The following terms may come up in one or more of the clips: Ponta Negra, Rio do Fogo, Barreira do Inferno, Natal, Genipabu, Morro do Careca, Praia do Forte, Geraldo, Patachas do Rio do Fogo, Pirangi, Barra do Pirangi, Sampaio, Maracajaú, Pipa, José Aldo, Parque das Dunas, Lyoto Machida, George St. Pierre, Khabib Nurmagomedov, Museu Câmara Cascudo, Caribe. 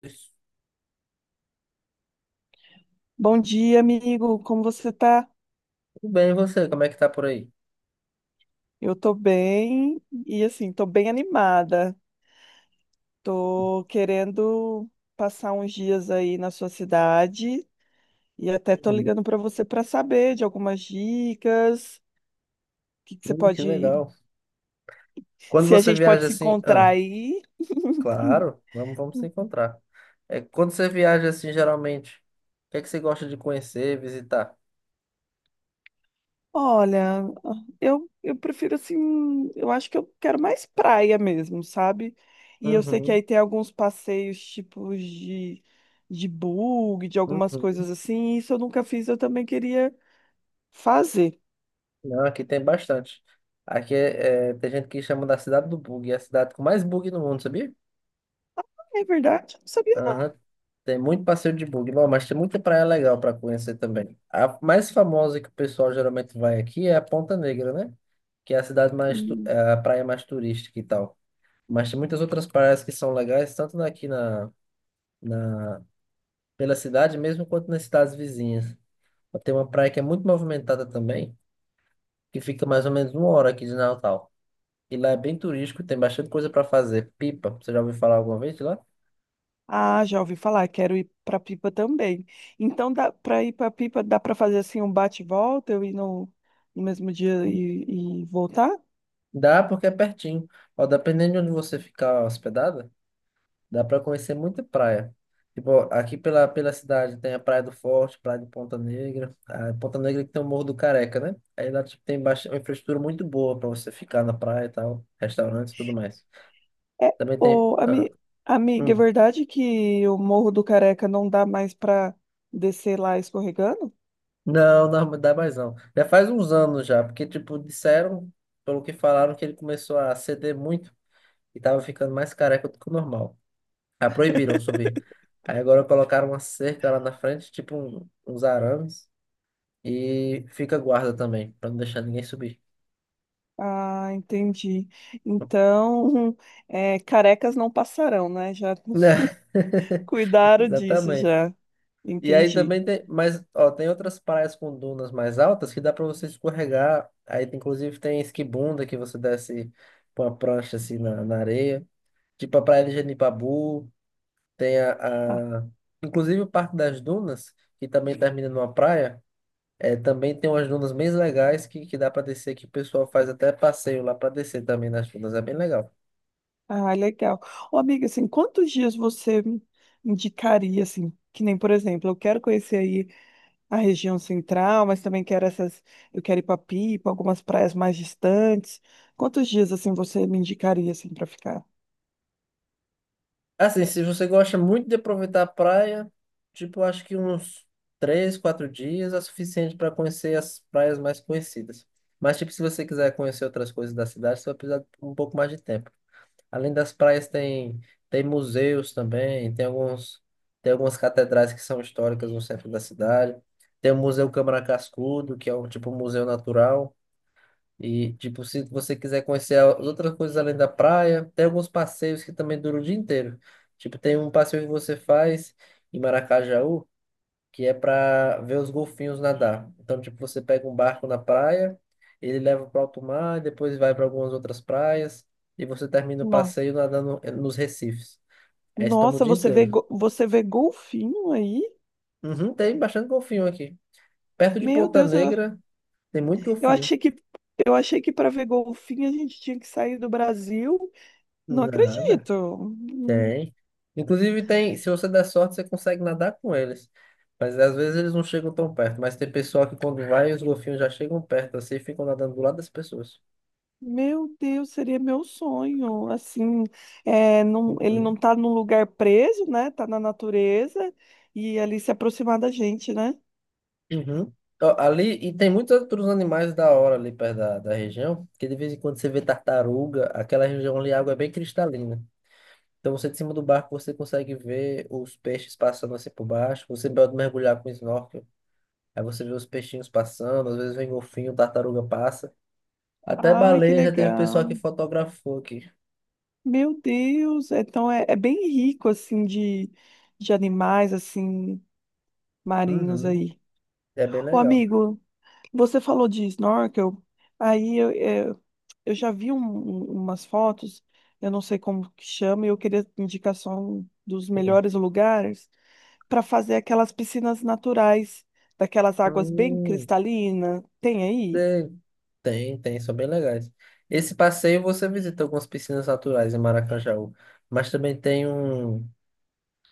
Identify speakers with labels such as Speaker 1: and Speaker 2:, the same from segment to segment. Speaker 1: Tudo
Speaker 2: Bom dia, amigo. Como você tá?
Speaker 1: bem, e você? Como é que tá por aí?
Speaker 2: Eu tô bem e assim, tô bem animada. Tô querendo passar uns dias aí na sua cidade e até tô
Speaker 1: Uhum.
Speaker 2: ligando para você para saber de algumas dicas, o que que você
Speaker 1: Que
Speaker 2: pode,
Speaker 1: legal. Quando
Speaker 2: se a
Speaker 1: você
Speaker 2: gente pode
Speaker 1: viaja
Speaker 2: se
Speaker 1: assim,
Speaker 2: encontrar
Speaker 1: ah,
Speaker 2: aí.
Speaker 1: claro, vamos se encontrar. É, quando você viaja assim, geralmente, o que é que você gosta de conhecer, visitar?
Speaker 2: Olha, eu prefiro assim, eu acho que eu quero mais praia mesmo, sabe? E eu sei que
Speaker 1: Uhum,
Speaker 2: aí tem alguns passeios tipos de bug, de algumas
Speaker 1: uhum.
Speaker 2: coisas assim, e isso eu nunca fiz, eu também queria fazer.
Speaker 1: Não, aqui tem bastante. Aqui é, tem gente que chama da cidade do bug, é a cidade com mais bug no mundo, sabia?
Speaker 2: É verdade, eu não sabia
Speaker 1: Aham.
Speaker 2: não.
Speaker 1: Tem muito passeio de bug, bom, mas tem muita praia legal para conhecer também. A mais famosa que o pessoal geralmente vai aqui é a Ponta Negra, né? Que é a cidade mais,
Speaker 2: Hum.
Speaker 1: é a praia mais turística e tal. Mas tem muitas outras praias que são legais, tanto aqui na pela cidade mesmo, quanto nas cidades vizinhas. Tem uma praia que é muito movimentada também, que fica mais ou menos uma hora aqui de Natal. E lá é bem turístico, tem bastante coisa para fazer. Pipa, você já ouviu falar alguma vez de lá?
Speaker 2: Ah, já ouvi falar, quero ir pra Pipa também. Então dá para ir pra Pipa, dá pra fazer assim um bate e volta, eu ir no mesmo dia e voltar?
Speaker 1: Dá porque é pertinho. Ó, dependendo de onde você ficar hospedada, dá para conhecer muita praia. Tipo, aqui pela cidade tem a Praia do Forte, Praia de Ponta Negra. A Ponta Negra que tem o Morro do Careca, né? Aí lá tipo, tem baixa, uma infraestrutura muito boa para você ficar na praia e tal, restaurantes e tudo mais.
Speaker 2: É,
Speaker 1: Também tem.
Speaker 2: ô,
Speaker 1: Ah.
Speaker 2: amiga, é
Speaker 1: Hum.
Speaker 2: verdade que o Morro do Careca não dá mais para descer lá escorregando?
Speaker 1: Não, não dá mais não. Já faz uns anos já, porque tipo, disseram, pelo que falaram, que ele começou a ceder muito e tava ficando mais careca do que o normal. Ah, proibiram subir. Aí agora colocaram uma cerca lá na frente, tipo uns arames, e fica guarda também, pra não deixar ninguém subir.
Speaker 2: Ah, entendi. Então, é, carecas não passarão, né? Já
Speaker 1: Né?
Speaker 2: cuidaram disso,
Speaker 1: Exatamente.
Speaker 2: já.
Speaker 1: E aí
Speaker 2: Entendi.
Speaker 1: também tem, mas ó, tem outras praias com dunas mais altas que dá pra você escorregar. Aí inclusive tem esquibunda que você desce com a prancha assim na areia. Tipo a Praia de Genipabu, tem
Speaker 2: Ah,
Speaker 1: a, a- inclusive o Parque das Dunas, que também termina numa praia. É, também tem umas dunas bem legais que dá para descer, que o pessoal faz até passeio lá para descer também nas dunas, é bem legal.
Speaker 2: ah, legal. Ô, amiga, assim, quantos dias você me indicaria, assim, que nem, por exemplo, eu quero conhecer aí a região central, mas também quero essas, eu quero ir para Pipa, algumas praias mais distantes. Quantos dias assim você me indicaria assim para ficar?
Speaker 1: Assim, se você gosta muito de aproveitar a praia, tipo, eu acho que uns 3, 4 dias é suficiente para conhecer as praias mais conhecidas. Mas, tipo, se você quiser conhecer outras coisas da cidade, você vai precisar de um pouco mais de tempo. Além das praias, tem, tem museus também, tem alguns, tem algumas catedrais que são históricas no centro da cidade. Tem o Museu Câmara Cascudo, que é um tipo um museu natural. E, tipo, se você quiser conhecer outras coisas além da praia, tem alguns passeios que também duram o dia inteiro. Tipo, tem um passeio que você faz em Maracajaú, que é para ver os golfinhos nadar. Então, tipo, você pega um barco na praia, ele leva para alto mar, depois vai para algumas outras praias, e você termina o
Speaker 2: Não.
Speaker 1: passeio nadando nos recifes. Aí você toma o
Speaker 2: Nossa,
Speaker 1: dia
Speaker 2: você vê
Speaker 1: inteiro.
Speaker 2: você vê golfinho aí?
Speaker 1: Uhum, tem bastante golfinho aqui. Perto de
Speaker 2: Meu
Speaker 1: Ponta
Speaker 2: Deus,
Speaker 1: Negra, tem muito
Speaker 2: eu
Speaker 1: golfinho.
Speaker 2: achei que eu achei que para ver golfinho a gente tinha que sair do Brasil. Não
Speaker 1: Nada.
Speaker 2: acredito. Hum.
Speaker 1: Tem. Inclusive tem, se você der sorte, você consegue nadar com eles. Mas às vezes eles não chegam tão perto. Mas tem pessoal que quando vai, os golfinhos já chegam perto assim e ficam nadando do lado das pessoas.
Speaker 2: Meu Deus, seria meu sonho. Assim, é, não, ele não
Speaker 1: Uhum.
Speaker 2: tá num lugar preso, né? Tá na natureza e ali se aproximar da gente, né?
Speaker 1: Uhum. Ó, ali, e tem muitos outros animais da hora ali perto da região, que de vez em quando você vê tartaruga. Aquela região ali a água é bem cristalina. Então você de cima do barco você consegue ver os peixes passando assim por baixo, você pode mergulhar com snorkel, aí você vê os peixinhos passando, às vezes vem golfinho, tartaruga passa. Até
Speaker 2: Ai, que
Speaker 1: baleia já teve pessoal que
Speaker 2: legal.
Speaker 1: fotografou aqui.
Speaker 2: Meu Deus, então é, é bem rico assim de animais assim marinhos
Speaker 1: Uhum.
Speaker 2: aí.
Speaker 1: É bem
Speaker 2: Ô
Speaker 1: legal.
Speaker 2: amigo, você falou de snorkel, aí eu, é, eu já vi umas fotos, eu não sei como que chama, e eu queria indicação dos
Speaker 1: Hum.
Speaker 2: melhores lugares para fazer aquelas piscinas naturais, daquelas águas bem
Speaker 1: Hum.
Speaker 2: cristalinas. Tem aí?
Speaker 1: Tem, tem, são bem legais. Esse passeio você visita algumas piscinas naturais em Maracajaú, mas também tem um,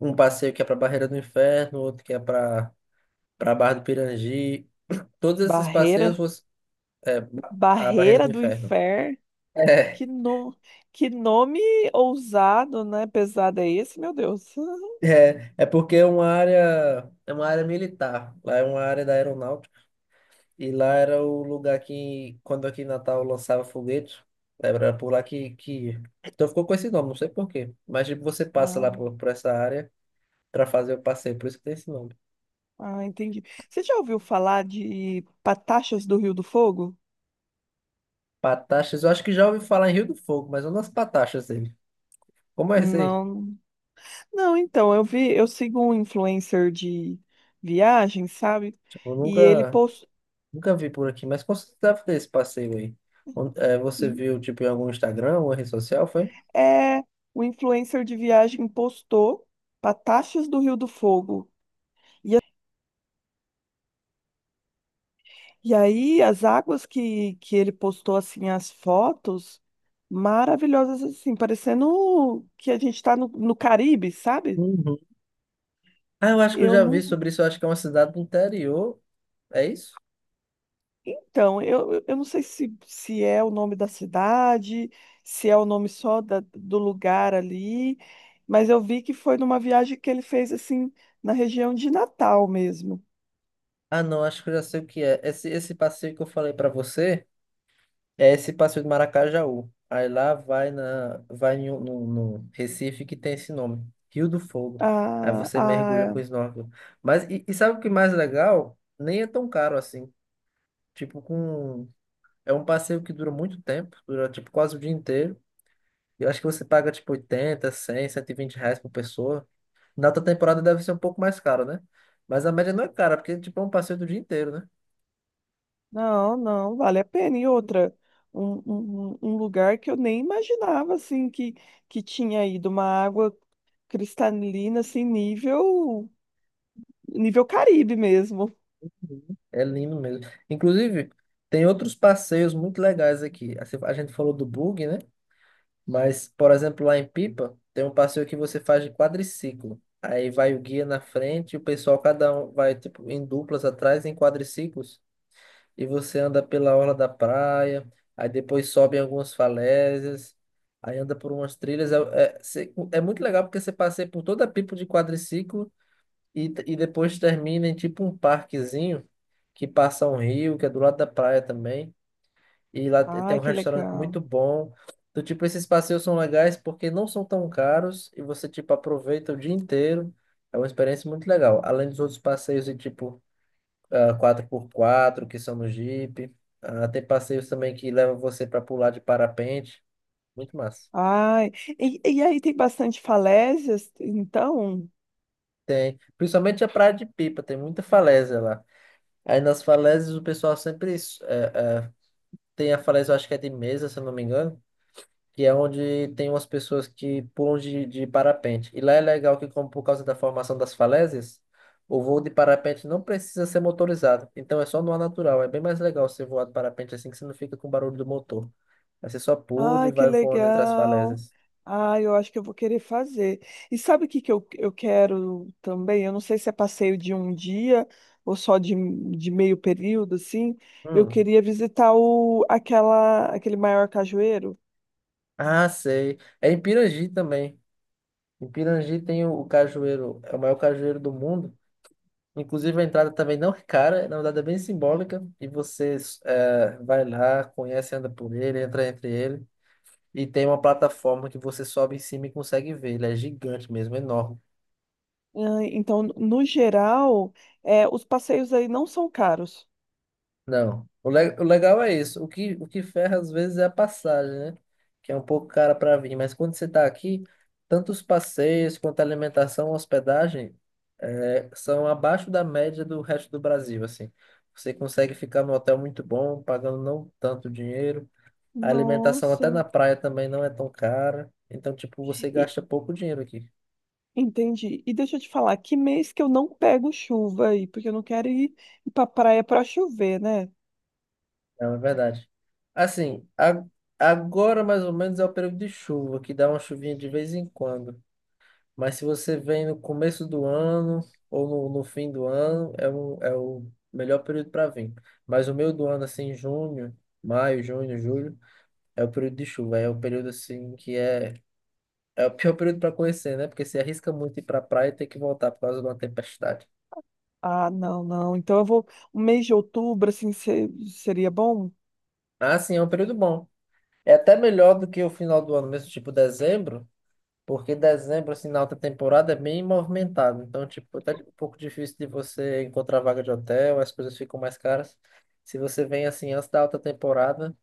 Speaker 1: um passeio que é para Barreira do Inferno, outro que é para Barra do Pirangi. Todos esses passeios
Speaker 2: Barreira,
Speaker 1: você, é a Barreira
Speaker 2: Barreira
Speaker 1: do
Speaker 2: do
Speaker 1: Inferno.
Speaker 2: Inferno.
Speaker 1: É,
Speaker 2: Que, no... que nome ousado, né? Pesado é esse, meu Deus.
Speaker 1: é porque é uma área militar. Lá é uma área da aeronáutica. E lá era o lugar que, quando aqui em Natal lançava foguetes, era por lá que ia. Então ficou com esse nome, não sei por quê. Mas tipo, você passa
Speaker 2: Ah,
Speaker 1: lá por essa área para fazer o passeio, por isso que tem esse nome.
Speaker 2: ah, entendi. Você já ouviu falar de Patachas do Rio do Fogo?
Speaker 1: Pataxas, eu acho que já ouvi falar em Rio do Fogo, mas não nas Pataxas dele. Como é isso aí?
Speaker 2: Não. Não, então, eu vi, eu sigo um influencer de viagem, sabe?
Speaker 1: Tipo, eu
Speaker 2: E ele
Speaker 1: nunca,
Speaker 2: postou.
Speaker 1: Nunca vi por aqui, mas quando você deve ter esse passeio aí? Você viu, tipo, em algum Instagram ou rede social, foi?
Speaker 2: É, o influencer de viagem postou Pataxes do Rio do Fogo. E aí, as águas que ele postou, assim, as fotos maravilhosas, assim, parecendo que a gente está no Caribe, sabe?
Speaker 1: Uhum. Ah, eu acho que eu
Speaker 2: Eu
Speaker 1: já vi
Speaker 2: não.
Speaker 1: sobre isso. Eu acho que é uma cidade do interior. É isso?
Speaker 2: Então, eu, eu não sei se, se é o nome da cidade, se é o nome só do lugar ali, mas eu vi que foi numa viagem que ele fez, assim, na região de Natal mesmo.
Speaker 1: Ah, não, acho que eu já sei o que é. Esse passeio que eu falei pra você. É esse passeio de Maracajaú. Aí lá vai no Recife que tem esse nome, Rio do Fogo. Aí você mergulha
Speaker 2: A.
Speaker 1: com snorkel. Mas e sabe o que é mais legal? Nem é tão caro assim. Tipo, com é um passeio que dura muito tempo, dura tipo quase o dia inteiro. Eu acho que você paga tipo 80, 100, 120 reais por pessoa. Na outra temporada deve ser um pouco mais caro, né? Mas a média não é cara, porque tipo é um passeio do dia inteiro, né?
Speaker 2: Não, não, vale a pena. E outra, um lugar que eu nem imaginava, assim, que tinha ido uma água cristalina, assim, nível, nível Caribe mesmo.
Speaker 1: É lindo mesmo. Inclusive, tem outros passeios muito legais aqui. Assim, a gente falou do bug, né? Mas, por exemplo, lá em Pipa, tem um passeio que você faz de quadriciclo. Aí vai o guia na frente, e o pessoal, cada um vai tipo, em duplas atrás, em quadriciclos, e você anda pela orla da praia, aí depois sobe em algumas falésias, aí anda por umas trilhas. É muito legal porque você passeia por toda a Pipa de quadriciclo e depois termina em tipo um parquezinho que passa um rio, que é do lado da praia também. E lá tem um
Speaker 2: Ai, que
Speaker 1: restaurante muito
Speaker 2: legal.
Speaker 1: bom. Do tipo, esses passeios são legais porque não são tão caros e você, tipo, aproveita o dia inteiro. É uma experiência muito legal. Além dos outros passeios de tipo 4x4, que são no Jeep. Ah, tem passeios também que levam você para pular de parapente. Muito massa.
Speaker 2: Ai, e aí tem bastante falésias, então?
Speaker 1: Tem. Principalmente a Praia de Pipa, tem muita falésia lá. Aí nas falésias o pessoal sempre tem a falésia, eu acho que é de mesa, se eu não me engano. Que é onde tem umas pessoas que pulam de parapente. E lá é legal que, como por causa da formação das falésias, o voo de parapente não precisa ser motorizado. Então é só no ar natural. É bem mais legal você voar de parapente assim que você não fica com o barulho do motor. Aí você só pula e
Speaker 2: Ai, que
Speaker 1: vai voando entre as
Speaker 2: legal.
Speaker 1: falésias.
Speaker 2: Ai, eu acho que eu vou querer fazer. E sabe o que que eu quero também? Eu não sei se é passeio de um dia ou só de meio período, assim. Eu
Speaker 1: Hum.
Speaker 2: queria visitar o, aquela, aquele maior cajueiro.
Speaker 1: Ah, sei. É em Pirangi também. Em Pirangi tem o cajueiro, é o maior cajueiro do mundo. Inclusive a entrada também não é cara, na verdade é bem simbólica. E você vai lá, conhece, anda por ele, entra entre ele. E tem uma plataforma que você sobe em cima e consegue ver. Ele é gigante mesmo, enorme.
Speaker 2: Ah, então, no geral, é, os passeios aí não são caros.
Speaker 1: Não. O legal é isso. O que ferra às vezes é a passagem, né? Que é um pouco cara para vir. Mas quando você está aqui, tanto os passeios quanto a alimentação, hospedagem, são abaixo da média do resto do Brasil, assim. Você consegue ficar num hotel muito bom, pagando não tanto dinheiro. A alimentação até
Speaker 2: Nossa.
Speaker 1: na praia também não é tão cara. Então, tipo, você
Speaker 2: E,
Speaker 1: gasta pouco dinheiro aqui.
Speaker 2: entendi. E deixa eu te falar, que mês que eu não pego chuva aí? Porque eu não quero ir, ir pra praia pra chover, né?
Speaker 1: Não, é verdade. Assim, agora mais ou menos é o período de chuva, que dá uma chuvinha de vez em quando. Mas se você vem no começo do ano ou no fim do ano, é o melhor período para vir. Mas o meio do ano, assim, junho, maio, junho, julho, é o período de chuva. É o período, assim, que é o pior período para conhecer, né? Porque você arrisca muito ir para praia e ter que voltar por causa de uma tempestade.
Speaker 2: Ah, não, não. Então eu vou. O mês de outubro, assim, seria bom?
Speaker 1: Ah, sim, é um período bom. É até melhor do que o final do ano mesmo, tipo dezembro. Porque dezembro, assim, na alta temporada é bem movimentado. Então, tipo, até um pouco difícil de você encontrar vaga de hotel, as coisas ficam mais caras. Se você vem, assim, antes da alta temporada,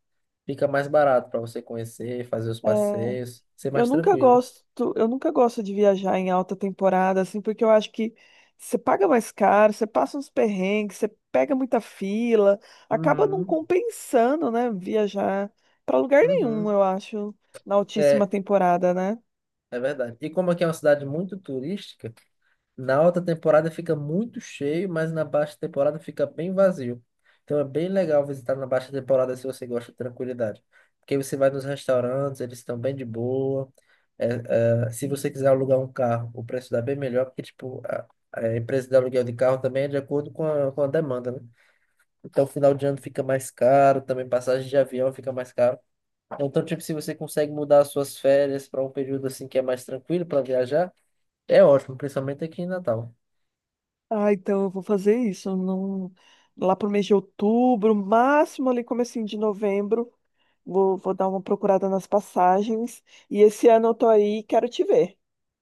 Speaker 1: fica mais barato para você conhecer, fazer os
Speaker 2: É,
Speaker 1: passeios, ser
Speaker 2: eu
Speaker 1: mais
Speaker 2: nunca
Speaker 1: tranquilo.
Speaker 2: gosto, eu nunca gosto de viajar em alta temporada, assim, porque eu acho que você paga mais caro, você passa uns perrengues, você pega muita fila, acaba não
Speaker 1: Uhum,
Speaker 2: compensando, né, viajar para lugar nenhum,
Speaker 1: uhum.
Speaker 2: eu acho, na altíssima
Speaker 1: É,
Speaker 2: temporada, né?
Speaker 1: é verdade. E como aqui é uma cidade muito turística, na alta temporada fica muito cheio, mas na baixa temporada fica bem vazio. Então é bem legal visitar na baixa temporada se você gosta de tranquilidade. Porque você vai nos restaurantes, eles estão bem de boa. É, se você quiser alugar um carro, o preço dá bem melhor, porque tipo, a empresa de aluguel de carro também é de acordo com a demanda, né? Então final de ano fica mais caro, também passagem de avião fica mais caro. Então, tipo, se você consegue mudar as suas férias para um período assim que é mais tranquilo para viajar, é ótimo, principalmente aqui em Natal.
Speaker 2: Ah, então eu vou fazer isso. Não... Lá pro mês de outubro, máximo ali comecinho de novembro, vou, vou dar uma procurada nas passagens. E esse ano eu tô aí, quero te ver.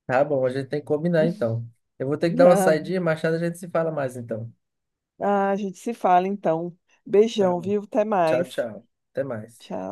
Speaker 1: Tá bom, a gente tem que combinar então. Eu vou ter que dar uma
Speaker 2: Ah,
Speaker 1: saidinha, mais tarde a gente se fala mais então.
Speaker 2: ah, a gente se fala então.
Speaker 1: Tá
Speaker 2: Beijão,
Speaker 1: bom.
Speaker 2: viu? Até
Speaker 1: Tchau,
Speaker 2: mais.
Speaker 1: tchau. Até mais.
Speaker 2: Tchau.